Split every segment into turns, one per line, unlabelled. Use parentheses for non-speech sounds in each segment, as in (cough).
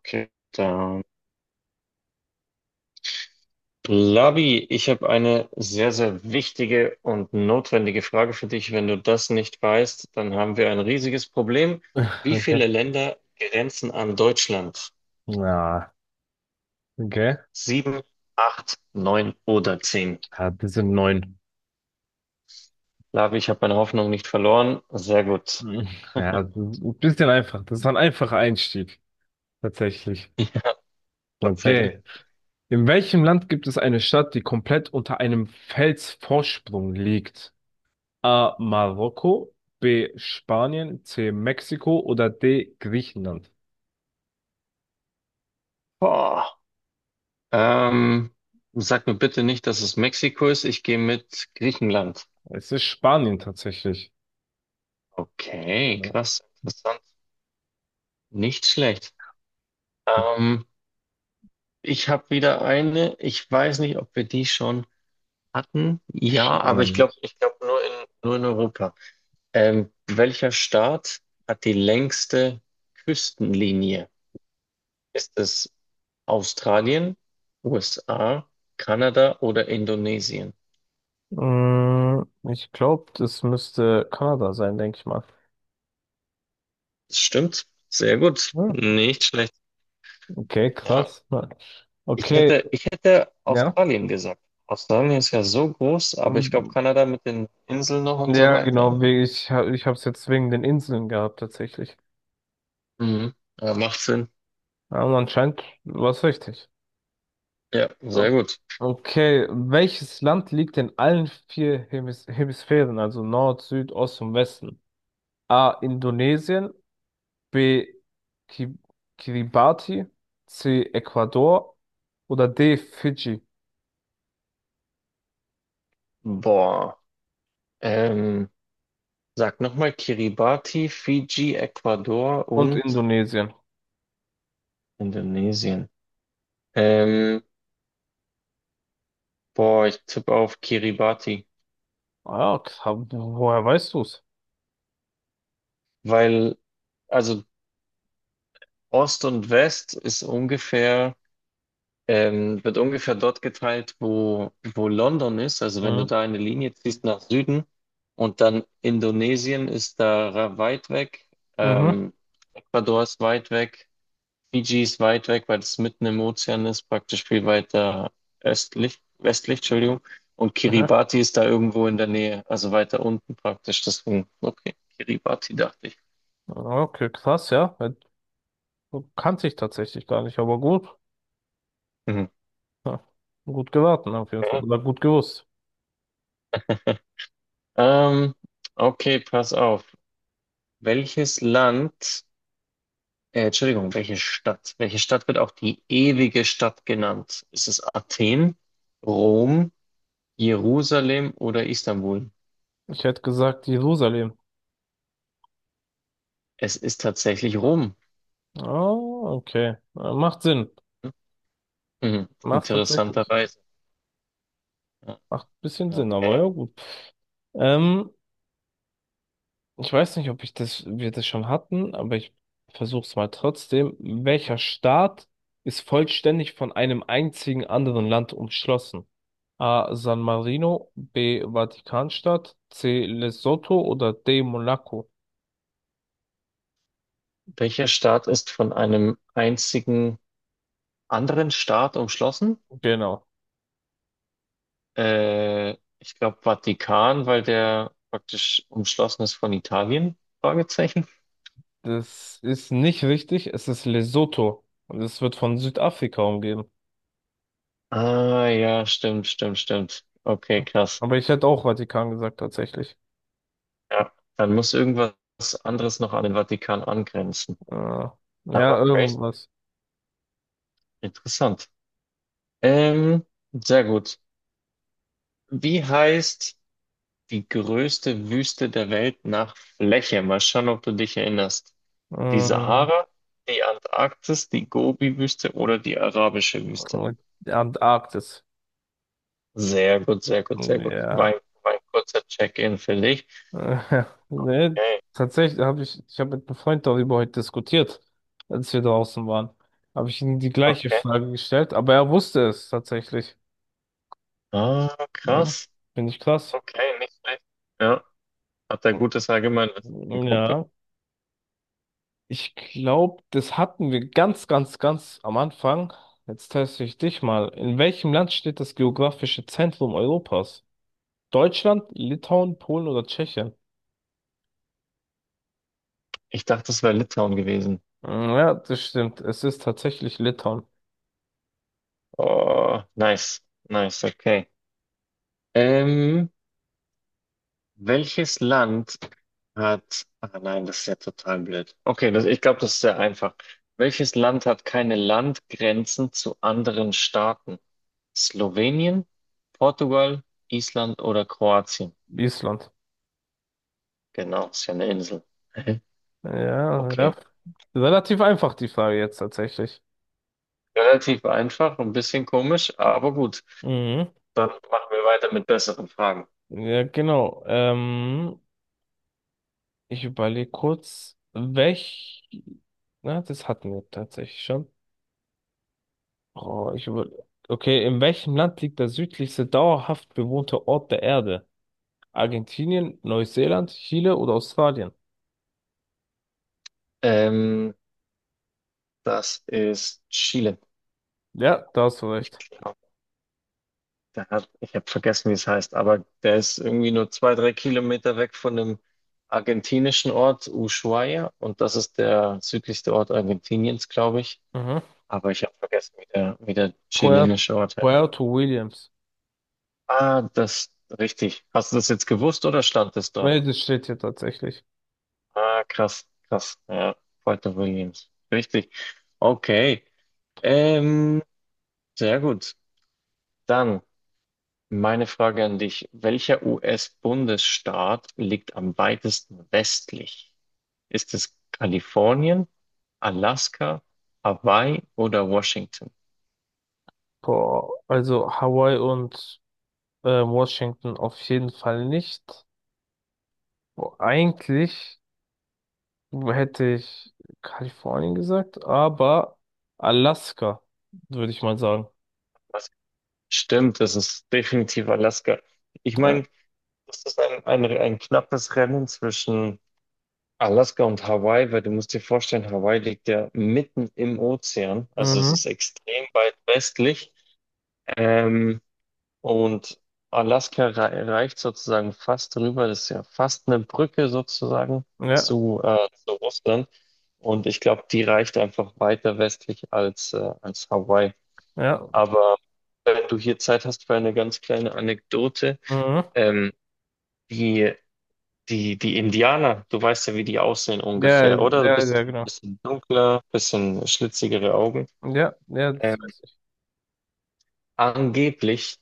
Okay, dann. Labi, ich habe eine sehr, sehr wichtige und notwendige Frage für dich. Wenn du das nicht weißt, dann haben wir ein riesiges Problem. Wie
Okay.
viele Länder grenzen an Deutschland?
Na, okay.
Sieben, acht, neun oder zehn?
Ja, das sind neun.
Labi, ich habe meine Hoffnung nicht verloren. Sehr gut.
Ja, das ist ein bisschen einfach. Das ist ein einfacher Einstieg. Tatsächlich.
Tatsächlich.
Okay. In welchem Land gibt es eine Stadt, die komplett unter einem Felsvorsprung liegt? A. Marokko, B. Spanien, C. Mexiko oder D. Griechenland?
Boah. Ähm, Sag mir bitte nicht, dass es Mexiko ist. Ich gehe mit Griechenland.
Es ist Spanien tatsächlich.
Okay,
Ja.
krass, interessant. Nicht schlecht. Ähm, Ich habe wieder eine. Ich weiß nicht, ob wir die schon hatten. Ja, aber ich glaube, nur in Europa. Welcher Staat hat die längste Küstenlinie? Ist es Australien, USA, Kanada oder Indonesien?
Mm, ich glaube, das müsste Kanada sein, denke ich mal.
Das stimmt. Sehr gut.
Ah,
Nicht schlecht.
okay,
Ja.
krass. Okay,
Ich hätte
ja.
Australien gesagt. Australien ist ja so groß, aber ich glaube,
Mhm.
Kanada mit den Inseln noch und so
Ja, genau,
weiter.
ich habe es jetzt wegen den Inseln gehabt tatsächlich.
Mhm. Ja, macht Sinn.
Aber anscheinend war es richtig.
Ja,
O-
sehr gut.
Okay, welches Land liegt in allen vier Hemisphären, also Nord, Süd, Ost und Westen? A. Indonesien, B. Ki Kiribati, C. Ecuador oder D. Fidschi
Boah. Ähm, Sag nochmal Kiribati, Fiji, Ecuador
und
und
Indonesien.
Indonesien. Ähm, Boah, ich tippe auf Kiribati,
Ah, ja, woher weißt du's?
weil, also, Ost und West ist wird ungefähr dort geteilt, wo, London ist. Also wenn
Mhm.
du da eine Linie ziehst nach Süden und dann Indonesien ist da weit weg,
Mhm.
ähm, Ecuador ist weit weg. Fiji ist weit weg, weil es mitten im Ozean ist, praktisch viel weiter östlich, westlich, Entschuldigung. Und
Aha.
Kiribati ist da irgendwo in der Nähe, also weiter unten praktisch. Deswegen, okay, Kiribati dachte ich.
Okay, krass, ja. Kannte ich tatsächlich gar nicht, aber gut.
Mhm.
Ja, gut geraten auf jeden Fall. Oder
(laughs)
gut gewusst.
Ähm, okay, pass auf. Welches Land, Entschuldigung, welche Stadt? Welche Stadt wird auch die ewige Stadt genannt? Ist es Athen, Rom, Jerusalem oder Istanbul?
Ich hätte gesagt Jerusalem.
Es ist tatsächlich Rom.
Ah, okay. Macht Sinn.
Mhm.
Macht tatsächlich.
Interessanterweise.
Macht ein bisschen Sinn, aber
Okay.
ja gut. Ähm, ich weiß nicht, ob ich das, wir das schon hatten, aber ich versuche es mal trotzdem. Welcher Staat ist vollständig von einem einzigen anderen Land umschlossen? A. San Marino, B. Vatikanstadt, C. Lesotho oder D. Monaco?
Welcher Staat ist von einem einzigen anderen Staat umschlossen?
Genau.
Äh, ich glaube Vatikan, weil der praktisch umschlossen ist von Italien? Fragezeichen.
Das ist nicht richtig, es ist Lesotho und es wird von Südafrika umgeben.
Ah, ja, stimmt, stimmt. Okay, krass.
Aber ich hätte auch Vatikan gesagt, tatsächlich.
Ja, dann muss irgendwas anderes noch an den Vatikan angrenzen.
Äh,
Aber
ja,
crazy.
irgendwas.
Interessant. Ähm, sehr gut. Wie heißt die größte Wüste der Welt nach Fläche? Mal schauen, ob du dich erinnerst. Die
Mhm.
Sahara, die Antarktis, die Gobi-Wüste oder die arabische Wüste.
Und Antarktis.
Sehr gut, sehr gut, sehr gut.
Ja.
War ein kurzer Check-in für dich.
Äh, (laughs) Nee,
Okay,
tatsächlich ich habe mit einem Freund darüber heute diskutiert, als wir draußen waren. Habe ich ihm die gleiche
okay.
Frage gestellt, aber er wusste es tatsächlich.
Ah,
Ja.
krass.
Finde ich krass.
Okay, nicht schlecht. Ja, hat er gutes Allgemeinwissen, mein Kumpel.
Ja. Ich glaube, das hatten wir ganz, ganz, ganz am Anfang. Jetzt teste ich dich mal. In welchem Land steht das geografische Zentrum Europas? Deutschland, Litauen, Polen oder Tschechien?
Ich dachte, das wäre Litauen gewesen.
Mm, Ja, das stimmt. Es ist tatsächlich Litauen.
Oh, nice, nice, okay. Ähm, welches Land hat. Ah nein, das ist ja total blöd. Okay, ich glaube, das ist sehr einfach. Welches Land hat keine Landgrenzen zu anderen Staaten? Slowenien, Portugal, Island oder Kroatien?
Island.
Genau, ist ja eine Insel. (laughs)
Ja, ja.
Okay.
Relativ einfach die Frage jetzt tatsächlich.
Relativ einfach, ein bisschen komisch, aber gut.
Mhm.
Dann machen wir weiter mit besseren Fragen.
Ja, genau. Ich überlege kurz. Na, das hatten wir tatsächlich schon. Oh. Okay, in welchem Land liegt der südlichste dauerhaft bewohnte Ort der Erde? Argentinien, Neuseeland, Chile oder Australien?
Ähm, das ist Chile.
Ja, da hast du
Ich
recht.
glaube. Der hat, ich habe vergessen, wie es heißt, aber der ist irgendwie nur zwei, drei Kilometer weg von dem argentinischen Ort Ushuaia und das ist der südlichste Ort Argentiniens, glaube ich.
Mhm.
Aber ich habe vergessen, wie der
Puer-
chilenische Ort heißt.
Puerto Williams.
Ah, das, richtig. Hast du das jetzt gewusst oder stand es dort?
Nee, das steht hier tatsächlich.
Ah, krass, krass. Ja, Puerto Williams. Richtig. Okay. Ähm, sehr gut. Dann. Meine Frage an dich, welcher US-Bundesstaat liegt am weitesten westlich? Ist es Kalifornien, Alaska, Hawaii oder Washington?
Boah, also Hawaii und Washington auf jeden Fall nicht. Boah, eigentlich hätte ich Kalifornien gesagt, aber Alaska, würde ich mal sagen.
Was? Stimmt, das ist definitiv Alaska. Ich meine,
Ja.
das ist ein knappes Rennen zwischen Alaska und Hawaii, weil du musst dir vorstellen, Hawaii liegt ja mitten im Ozean, also es
Mhm.
ist extrem weit westlich. Ähm, Und Alaska reicht sozusagen fast drüber. Das ist ja fast eine Brücke sozusagen
Ja,
zu Russland. Und ich glaube, die reicht einfach weiter westlich als, als Hawaii.
ja.
Aber wenn du hier Zeit hast für eine ganz kleine Anekdote,
Mhm.
ähm, die, die Indianer, du weißt ja, wie die aussehen
Ja,
ungefähr, oder? Ein
ja, ja,
bisschen,
genau.
bisschen dunkler, bisschen schlitzigere Augen.
Ja, ja, das
Ähm,
weiß ich.
Angeblich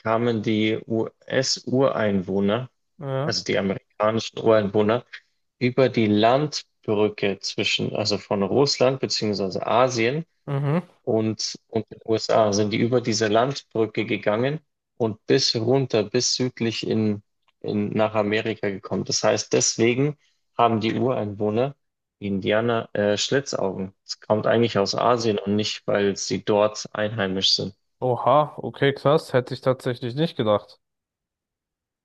kamen die US-Ureinwohner,
Ja.
also die amerikanischen Ureinwohner, über die Landbrücke zwischen, also von Russland beziehungsweise Asien
Mhm.
und den USA, sind die über diese Landbrücke gegangen und bis runter, bis südlich nach Amerika gekommen. Das heißt, deswegen haben die Ureinwohner, die Indianer, Schlitzaugen. Es kommt eigentlich aus Asien und nicht, weil sie dort einheimisch sind.
Oha, okay, krass, hätte ich tatsächlich nicht gedacht.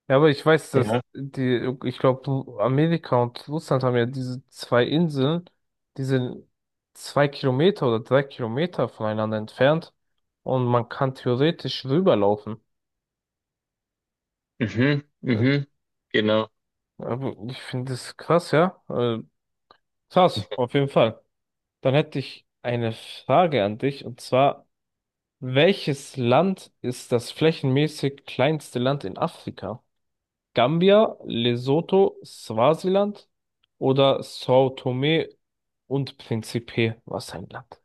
Ja, aber ich weiß, dass
Ja.
die, ich glaube, Amerika und Russland haben ja diese zwei Inseln, die sind 2 Kilometer oder 3 Kilometer voneinander entfernt, und man kann theoretisch rüberlaufen.
Mhm,
Äh,
mhm, genau.
Aber ich finde das krass, ja. Krass, auf jeden Fall. Dann hätte ich eine Frage an dich, und zwar: welches Land ist das flächenmäßig kleinste Land in Afrika? Gambia, Lesotho, Swasiland oder São Tomé und Príncipe? Was ein Land.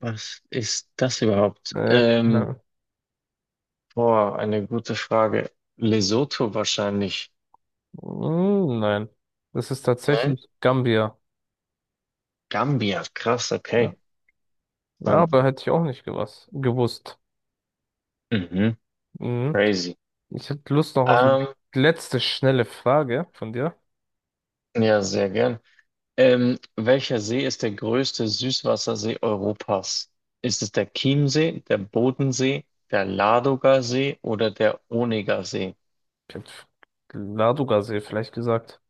Was ist das überhaupt?
Keine Ahnung.
Boah, eine gute Frage. Lesotho wahrscheinlich.
Nein, das ist
Nein?
tatsächlich Gambia.
Gambia, krass,
Ja,
okay.
ja,
Sonst.
aber hätte ich auch nicht gewusst.
Mhm,
Mhm.
crazy.
Ich hätte Lust noch auf eine
Ähm,
letzte schnelle Frage von dir.
ja, sehr gern. Welcher See ist der größte Süßwassersee Europas? Ist es der Chiemsee, der Bodensee, der Ladogasee oder der Onegasee?
Ich hätte Ladoga-See vielleicht gesagt.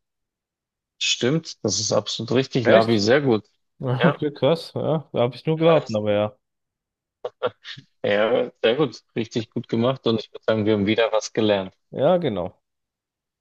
Stimmt, das ist absolut richtig, Lavi,
Echt?
sehr gut.
(laughs)
Ja,
Okay, krass. Ja, da habe ich nur
(laughs)
geraten,
nice.
aber ja.
Ja, sehr gut, richtig gut gemacht und ich würde sagen, wir haben wieder was gelernt.
Ja, genau.